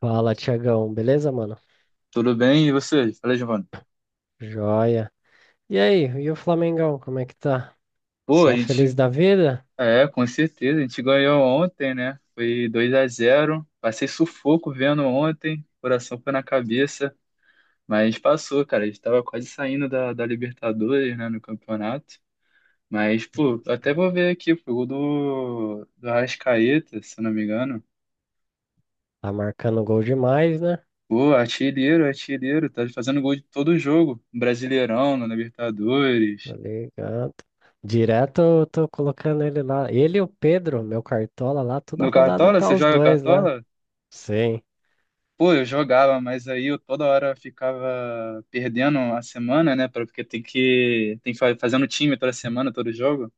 Fala, Tiagão, beleza, mano? Tudo bem? E você? Fala, Giovanni. Joia. E aí, e o Flamengão, como é que tá? Pô, a Só feliz gente. da vida? É, com certeza. A gente ganhou ontem, né? Foi 2-0. Passei sufoco vendo ontem. Coração foi na cabeça. Mas passou, cara. A gente tava quase saindo da, Libertadores, né? No campeonato. Mas, Hum. pô, eu até vou ver aqui. Pô, o gol do Arrascaeta, se eu não me engano. Tá marcando gol demais, né? Pô, artilheiro, artilheiro. Tá fazendo gol de todo jogo. Brasileirão, na Libertadores. Tá ligado. Direto eu tô colocando ele lá. Ele e o Pedro, meu cartola lá, toda No rodada Cartola? tá Você os joga dois lá. Cartola? Sim. Pô, eu jogava, mas aí eu toda hora ficava perdendo a semana, né? Porque tem que fazendo time toda semana, todo jogo.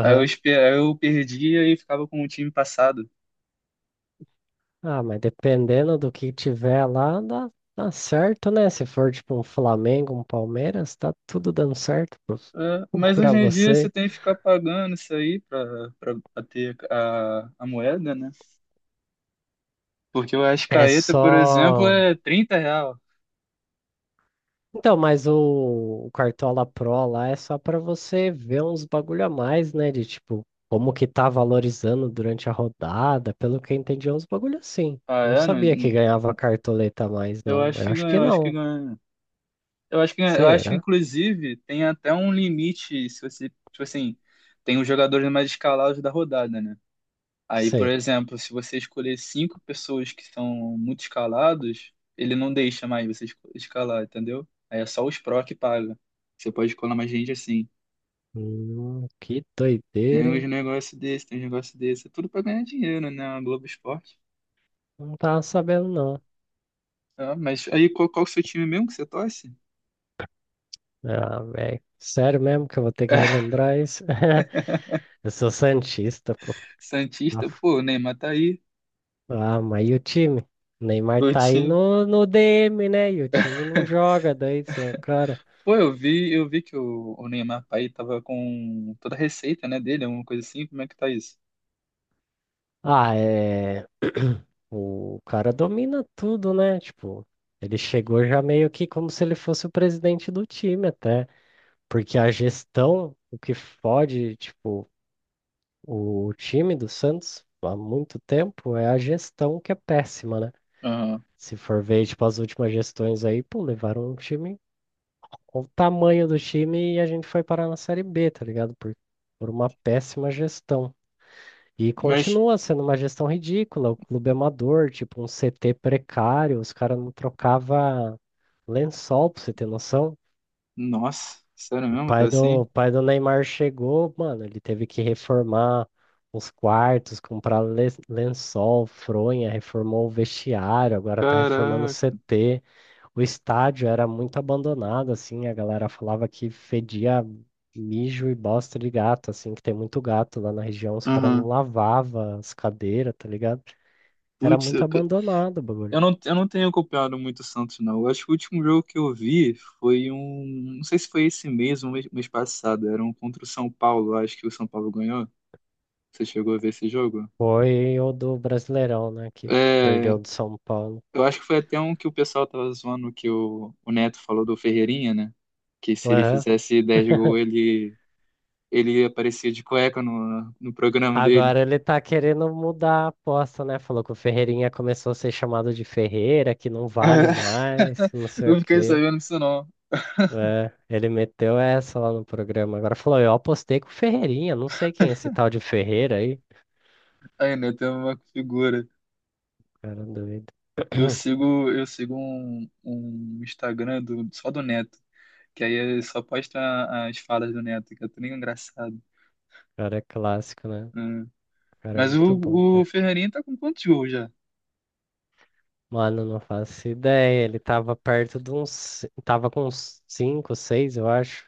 Aí eu, espe- aí eu perdia e ficava com o time passado. Ah, mas dependendo do que tiver lá, dá, dá certo, né? Se for tipo um Flamengo, um Palmeiras, tá tudo dando certo pro- É, mas pra hoje em dia você você. tem que ficar pagando isso aí pra, ter a moeda, né? Porque o É Ascaeta, por exemplo, só. é R$ 30. Então, mas o Cartola Pro lá é só para você ver uns bagulho a mais, né? De tipo, como que tá valorizando durante a rodada, pelo que eu entendi, é uns bagulho assim. Ah, Não é? Não, sabia que ganhava cartoleta a mais, eu não. acho Eu que acho que ganhou, eu acho que não. ganha. Eu acho que Será? inclusive, tem até um limite, se você, tipo assim, tem os jogadores mais escalados da rodada, né? Aí, por Sei. exemplo, se você escolher cinco pessoas que são muito escalados, ele não deixa mais você escalar, entendeu? Aí é só os pró que paga. Você pode escolar mais gente assim. Que Tem doideira, uns hein? negócios desse, tem uns negócios desse. É tudo pra ganhar dinheiro, né? A Globo Esporte. Não tava sabendo, não. Ah, mas aí, qual, o seu time mesmo que você torce? Ah, velho. Sério mesmo que eu vou ter que relembrar isso? Eu sou santista, pô. Tá. Santista, pô, o Neymar tá aí. Ah, mas e o time? O Neymar O tá aí time. no DM, né? E o time não joga daí sem o cara. Pô, eu vi que o Neymar pai tava com toda a receita, né, dele, alguma coisa assim, como é que tá isso? Ah, é. O cara domina tudo, né? Tipo, ele chegou já meio que como se ele fosse o presidente do time, até. Porque a gestão, o que fode, tipo, o time do Santos há muito tempo é a gestão que é péssima, né? Aham. Se for ver, tipo, as últimas gestões aí, pô, levaram um time. Olha o tamanho do time e a gente foi parar na Série B, tá ligado? Por uma péssima gestão. E Mas, continua sendo uma gestão ridícula, o clube é amador, tipo um CT precário, os caras não trocava lençol, pra você ter noção. nossa, sério O mesmo, tá pai do, assim? o pai do Neymar chegou, mano, ele teve que reformar os quartos, comprar le- lençol, fronha, reformou o vestiário, agora tá reformando o Caraca. CT. O estádio era muito abandonado, assim, a galera falava que fedia mijo e bosta de gato, assim, que tem muito gato lá na região, os caras não Aham. lavavam as cadeiras, tá ligado? Era Putz, muito eu, abandonado o bagulho. eu não, eu não tenho acompanhado muito o Santos, não. Eu acho que o último jogo que eu vi foi um, não sei se foi esse mês ou mês passado, era um contra o São Paulo, eu acho que o São Paulo ganhou. Você chegou a ver esse jogo? Foi o do Brasileirão, né, que É, perdeu do São Paulo. eu acho que foi até um que o pessoal tava zoando que o, Neto falou do Ferreirinha, né? Que se ele Aham. fizesse 10 gols, ele, aparecia de cueca no programa dele. Agora ele tá querendo mudar a aposta, né? Falou que o Ferreirinha começou a ser chamado de Ferreira, que não vale mais, que não sei Eu o fiquei quê. sabendo disso não. É, ele meteu essa lá no programa. Agora falou, eu apostei com o Ferreirinha, não sei quem é esse tal de Ferreira aí. Aí, Neto é uma figura. Cara doido. Eu sigo um Instagram só do Neto, que aí ele só posta as falas do Neto, que é tudo engraçado, Cara é clássico, né? né? Cara é Mas muito bom, o né? Ferreirinha tá com quantos gols já? Mano, não faço ideia. Ele tava perto de uns. Tava com uns 5, 6, eu acho.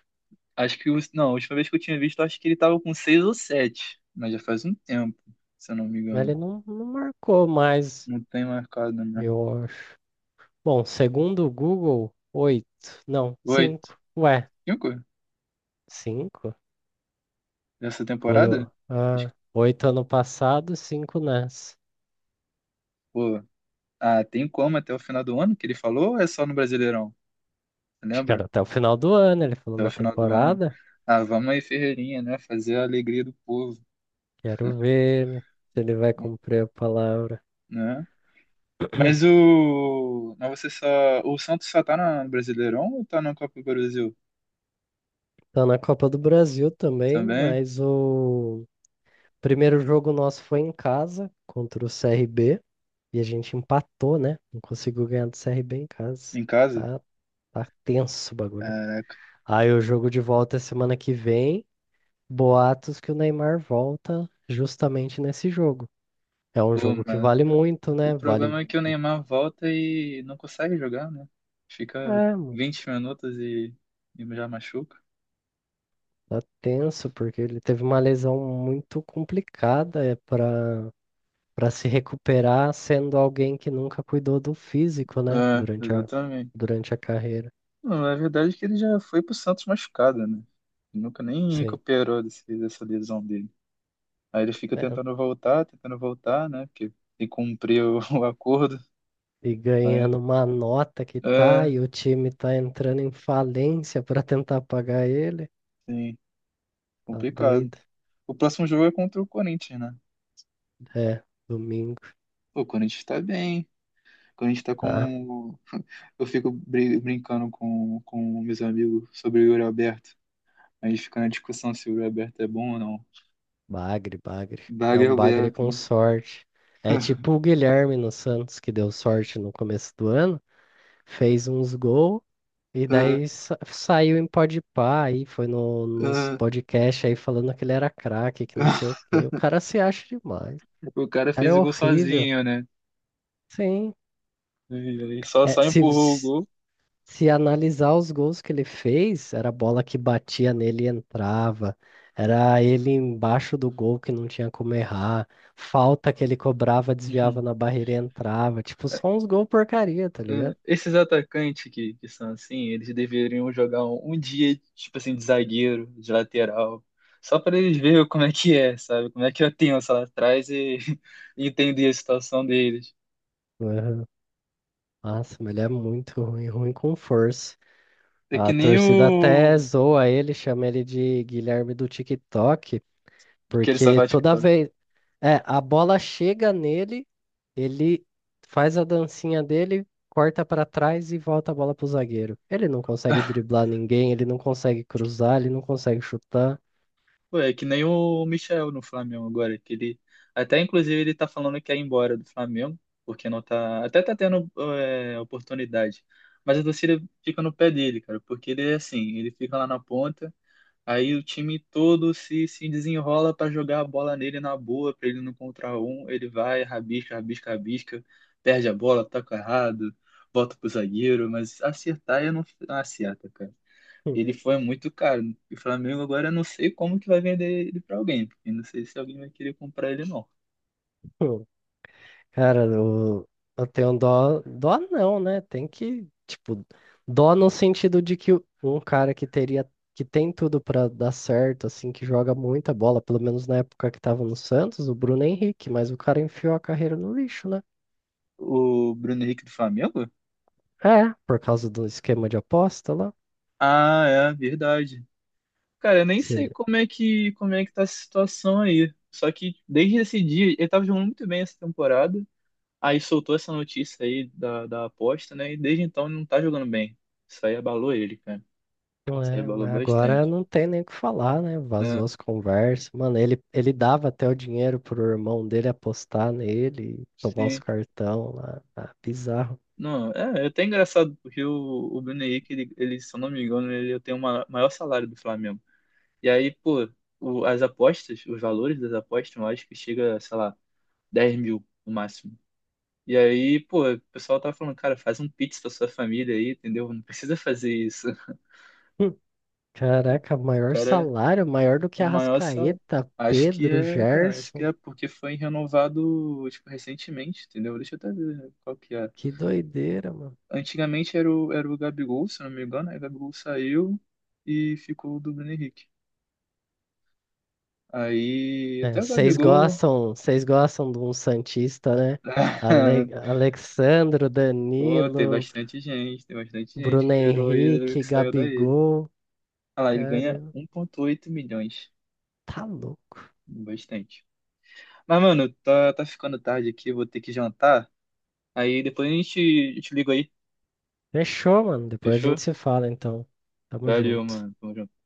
Acho que, não, a última vez que eu tinha visto, acho que ele tava com seis ou sete, mas já faz um tempo, se eu não me Mas engano. ele não, não marcou mais, Não tem marcado, né? eu acho. Bom, segundo o Google, 8. Não, Oito, 5. Ué, cinco 5. dessa Foi temporada? o. Acho Ah, que, 8 ano passado, 5 nessa. pô, ah, tem como até o final do ano que ele falou ou é só no Brasileirão? Você Acho que era lembra? até o final do ano, ele falou Até o na final do ano. temporada. Ah, vamos aí, Ferreirinha, né? Fazer a alegria do povo, Quero ver ele, se ele vai pô, cumprir a palavra. né? Mas o. Mas você só. O Santos só tá no Brasileirão ou tá na Copa do Brasil? Tá na Copa do Brasil também, Também? mas o primeiro jogo nosso foi em casa contra o CRB e a gente empatou, né? Não conseguiu ganhar do CRB em casa. Em casa? Tá, tá tenso o bagulho. Caraca. Aí o jogo de volta é semana que vem. Boatos que o Neymar volta justamente nesse jogo. É um Pô, jogo que vale muito, o né? Vale. problema é que o Neymar volta e não consegue jogar, né? Fica É. 20 minutos e já machuca. Tá tenso, porque ele teve uma lesão muito complicada é para para se recuperar sendo alguém que nunca cuidou do físico, né? É, exatamente. Durante a carreira. Não, a verdade é que ele já foi pro Santos machucado, né? Ele nunca nem Sim. recuperou desse, dessa lesão dele. Aí ele fica É. Tentando voltar, né? Porque tem que cumprir o, o acordo. E Mas, ganhando uma nota que tá, é, e o time tá entrando em falência para tentar pagar ele. sim, Tá complicado. doido? O próximo jogo é contra o Corinthians, né? É, domingo, Pô, o Corinthians tá bem. O Corinthians tá tá? com eu fico brincando com, meus amigos sobre o Yuri Alberto. A gente fica na discussão se o Yuri Alberto é bom ou não. Bagre, bagre. É Bagre um bagre Alberto, com né? sorte. É tipo o Guilherme no Santos, que deu sorte no começo do ano, fez uns gols. E Ah, daí sa- saiu em Podpah aí, foi no, nos ah, podcasts aí falando que ele era craque, que não sei o quê. O cara se acha demais. o cara O cara é fez o gol horrível. sozinho, né? Sim. E só, É, só se, empurrou o se gol. se analisar os gols que ele fez, era bola que batia nele e entrava. Era ele embaixo do gol que não tinha como errar. Falta que ele cobrava, desviava Uhum. na barreira e entrava. Tipo, só uns gols porcaria, tá Ah, ligado? esses atacantes que, são assim, eles deveriam jogar um dia, tipo assim, de zagueiro, de lateral, só para eles verem como é que é, sabe? Como é que eu tenho lá atrás e e entender a situação deles. Uhum. Nossa, mas ele é muito ruim, ruim com força. É que A nem torcida até o zoa ele, chama ele de Guilherme do TikTok, aquele porque Savate que toda tá. vez. É, a bola chega nele, ele faz a dancinha dele, corta pra trás e volta a bola pro zagueiro. Ele não consegue driblar ninguém, ele não consegue cruzar, ele não consegue chutar. Pô, é que nem o Michel no Flamengo agora, que ele até inclusive ele tá falando que ia embora do Flamengo, porque não tá, até tá tendo oportunidade, mas a torcida fica no pé dele, cara, porque ele é assim, ele fica lá na ponta, aí o time todo se desenrola pra jogar a bola nele na boa, pra ele não contra um, ele vai, rabisca, rabisca, rabisca, perde a bola, toca errado, volta pro zagueiro, mas acertar ele não acerta, cara. Ele foi muito caro. E o Flamengo agora eu não sei como que vai vender ele pra alguém, porque não sei se alguém vai querer comprar ele não. Cara, eu, eu tenho dó. Dó não, né? Tem que, tipo, dó no sentido de que um cara que teria, que tem tudo pra dar certo, assim, que joga muita bola, pelo menos na época que tava no Santos, o Bruno Henrique, mas o cara enfiou a carreira no lixo, né? O Bruno Henrique do Flamengo? É, por causa do esquema de aposta lá. Ah, é verdade. Cara, eu nem Se sei ele... como é que tá a situação aí. Só que desde esse dia, ele tava jogando muito bem essa temporada. Aí soltou essa notícia aí da, aposta, né? E desde então ele não tá jogando bem. Isso aí abalou ele, cara. Isso aí É, abalou mas agora bastante. não tem nem o que falar, né? É, Vazou as conversas. Mano, ele dava até o dinheiro pro irmão dele apostar nele, tomar os sim. cartão lá. Ah, bizarro. Não, é até engraçado, porque o, Bruno Henrique, ele, se eu não me engano, ele tem o maior salário do Flamengo. E aí, pô, as apostas, os valores das apostas, eu acho que chega, sei lá, 10 mil no máximo. E aí, pô, o pessoal tá falando, cara, faz um pix pra sua família aí, entendeu? Não precisa fazer isso. O Hum. Caraca, maior cara, salário, maior do é o que maior salário. Arrascaeta, Acho que Pedro, é, cara, acho que Gerson. é porque foi renovado, tipo, recentemente, entendeu? Deixa eu até ver qual que é. Que doideira, mano. Antigamente era o, Gabigol, se não me engano, aí o Gabigol saiu e ficou o do Bruno Henrique. Aí É, até o Gabigol. Vocês gostam de um Santista, né? Ale Alexandro, Pô, tem Danilo, bastante gente, tem bastante gente Bruno que virou ídolo Henrique, que saiu daí. Gabigol. Olha lá, ele ganha Caramba, 1,8 milhões. tá louco. Bastante. Mas, mano, tá ficando tarde aqui, vou ter que jantar. Aí depois a gente, eu te ligo aí, Fechou, mano. Depois a fechou? gente se fala, então. Tamo Valeu, junto. mano. Tamo junto.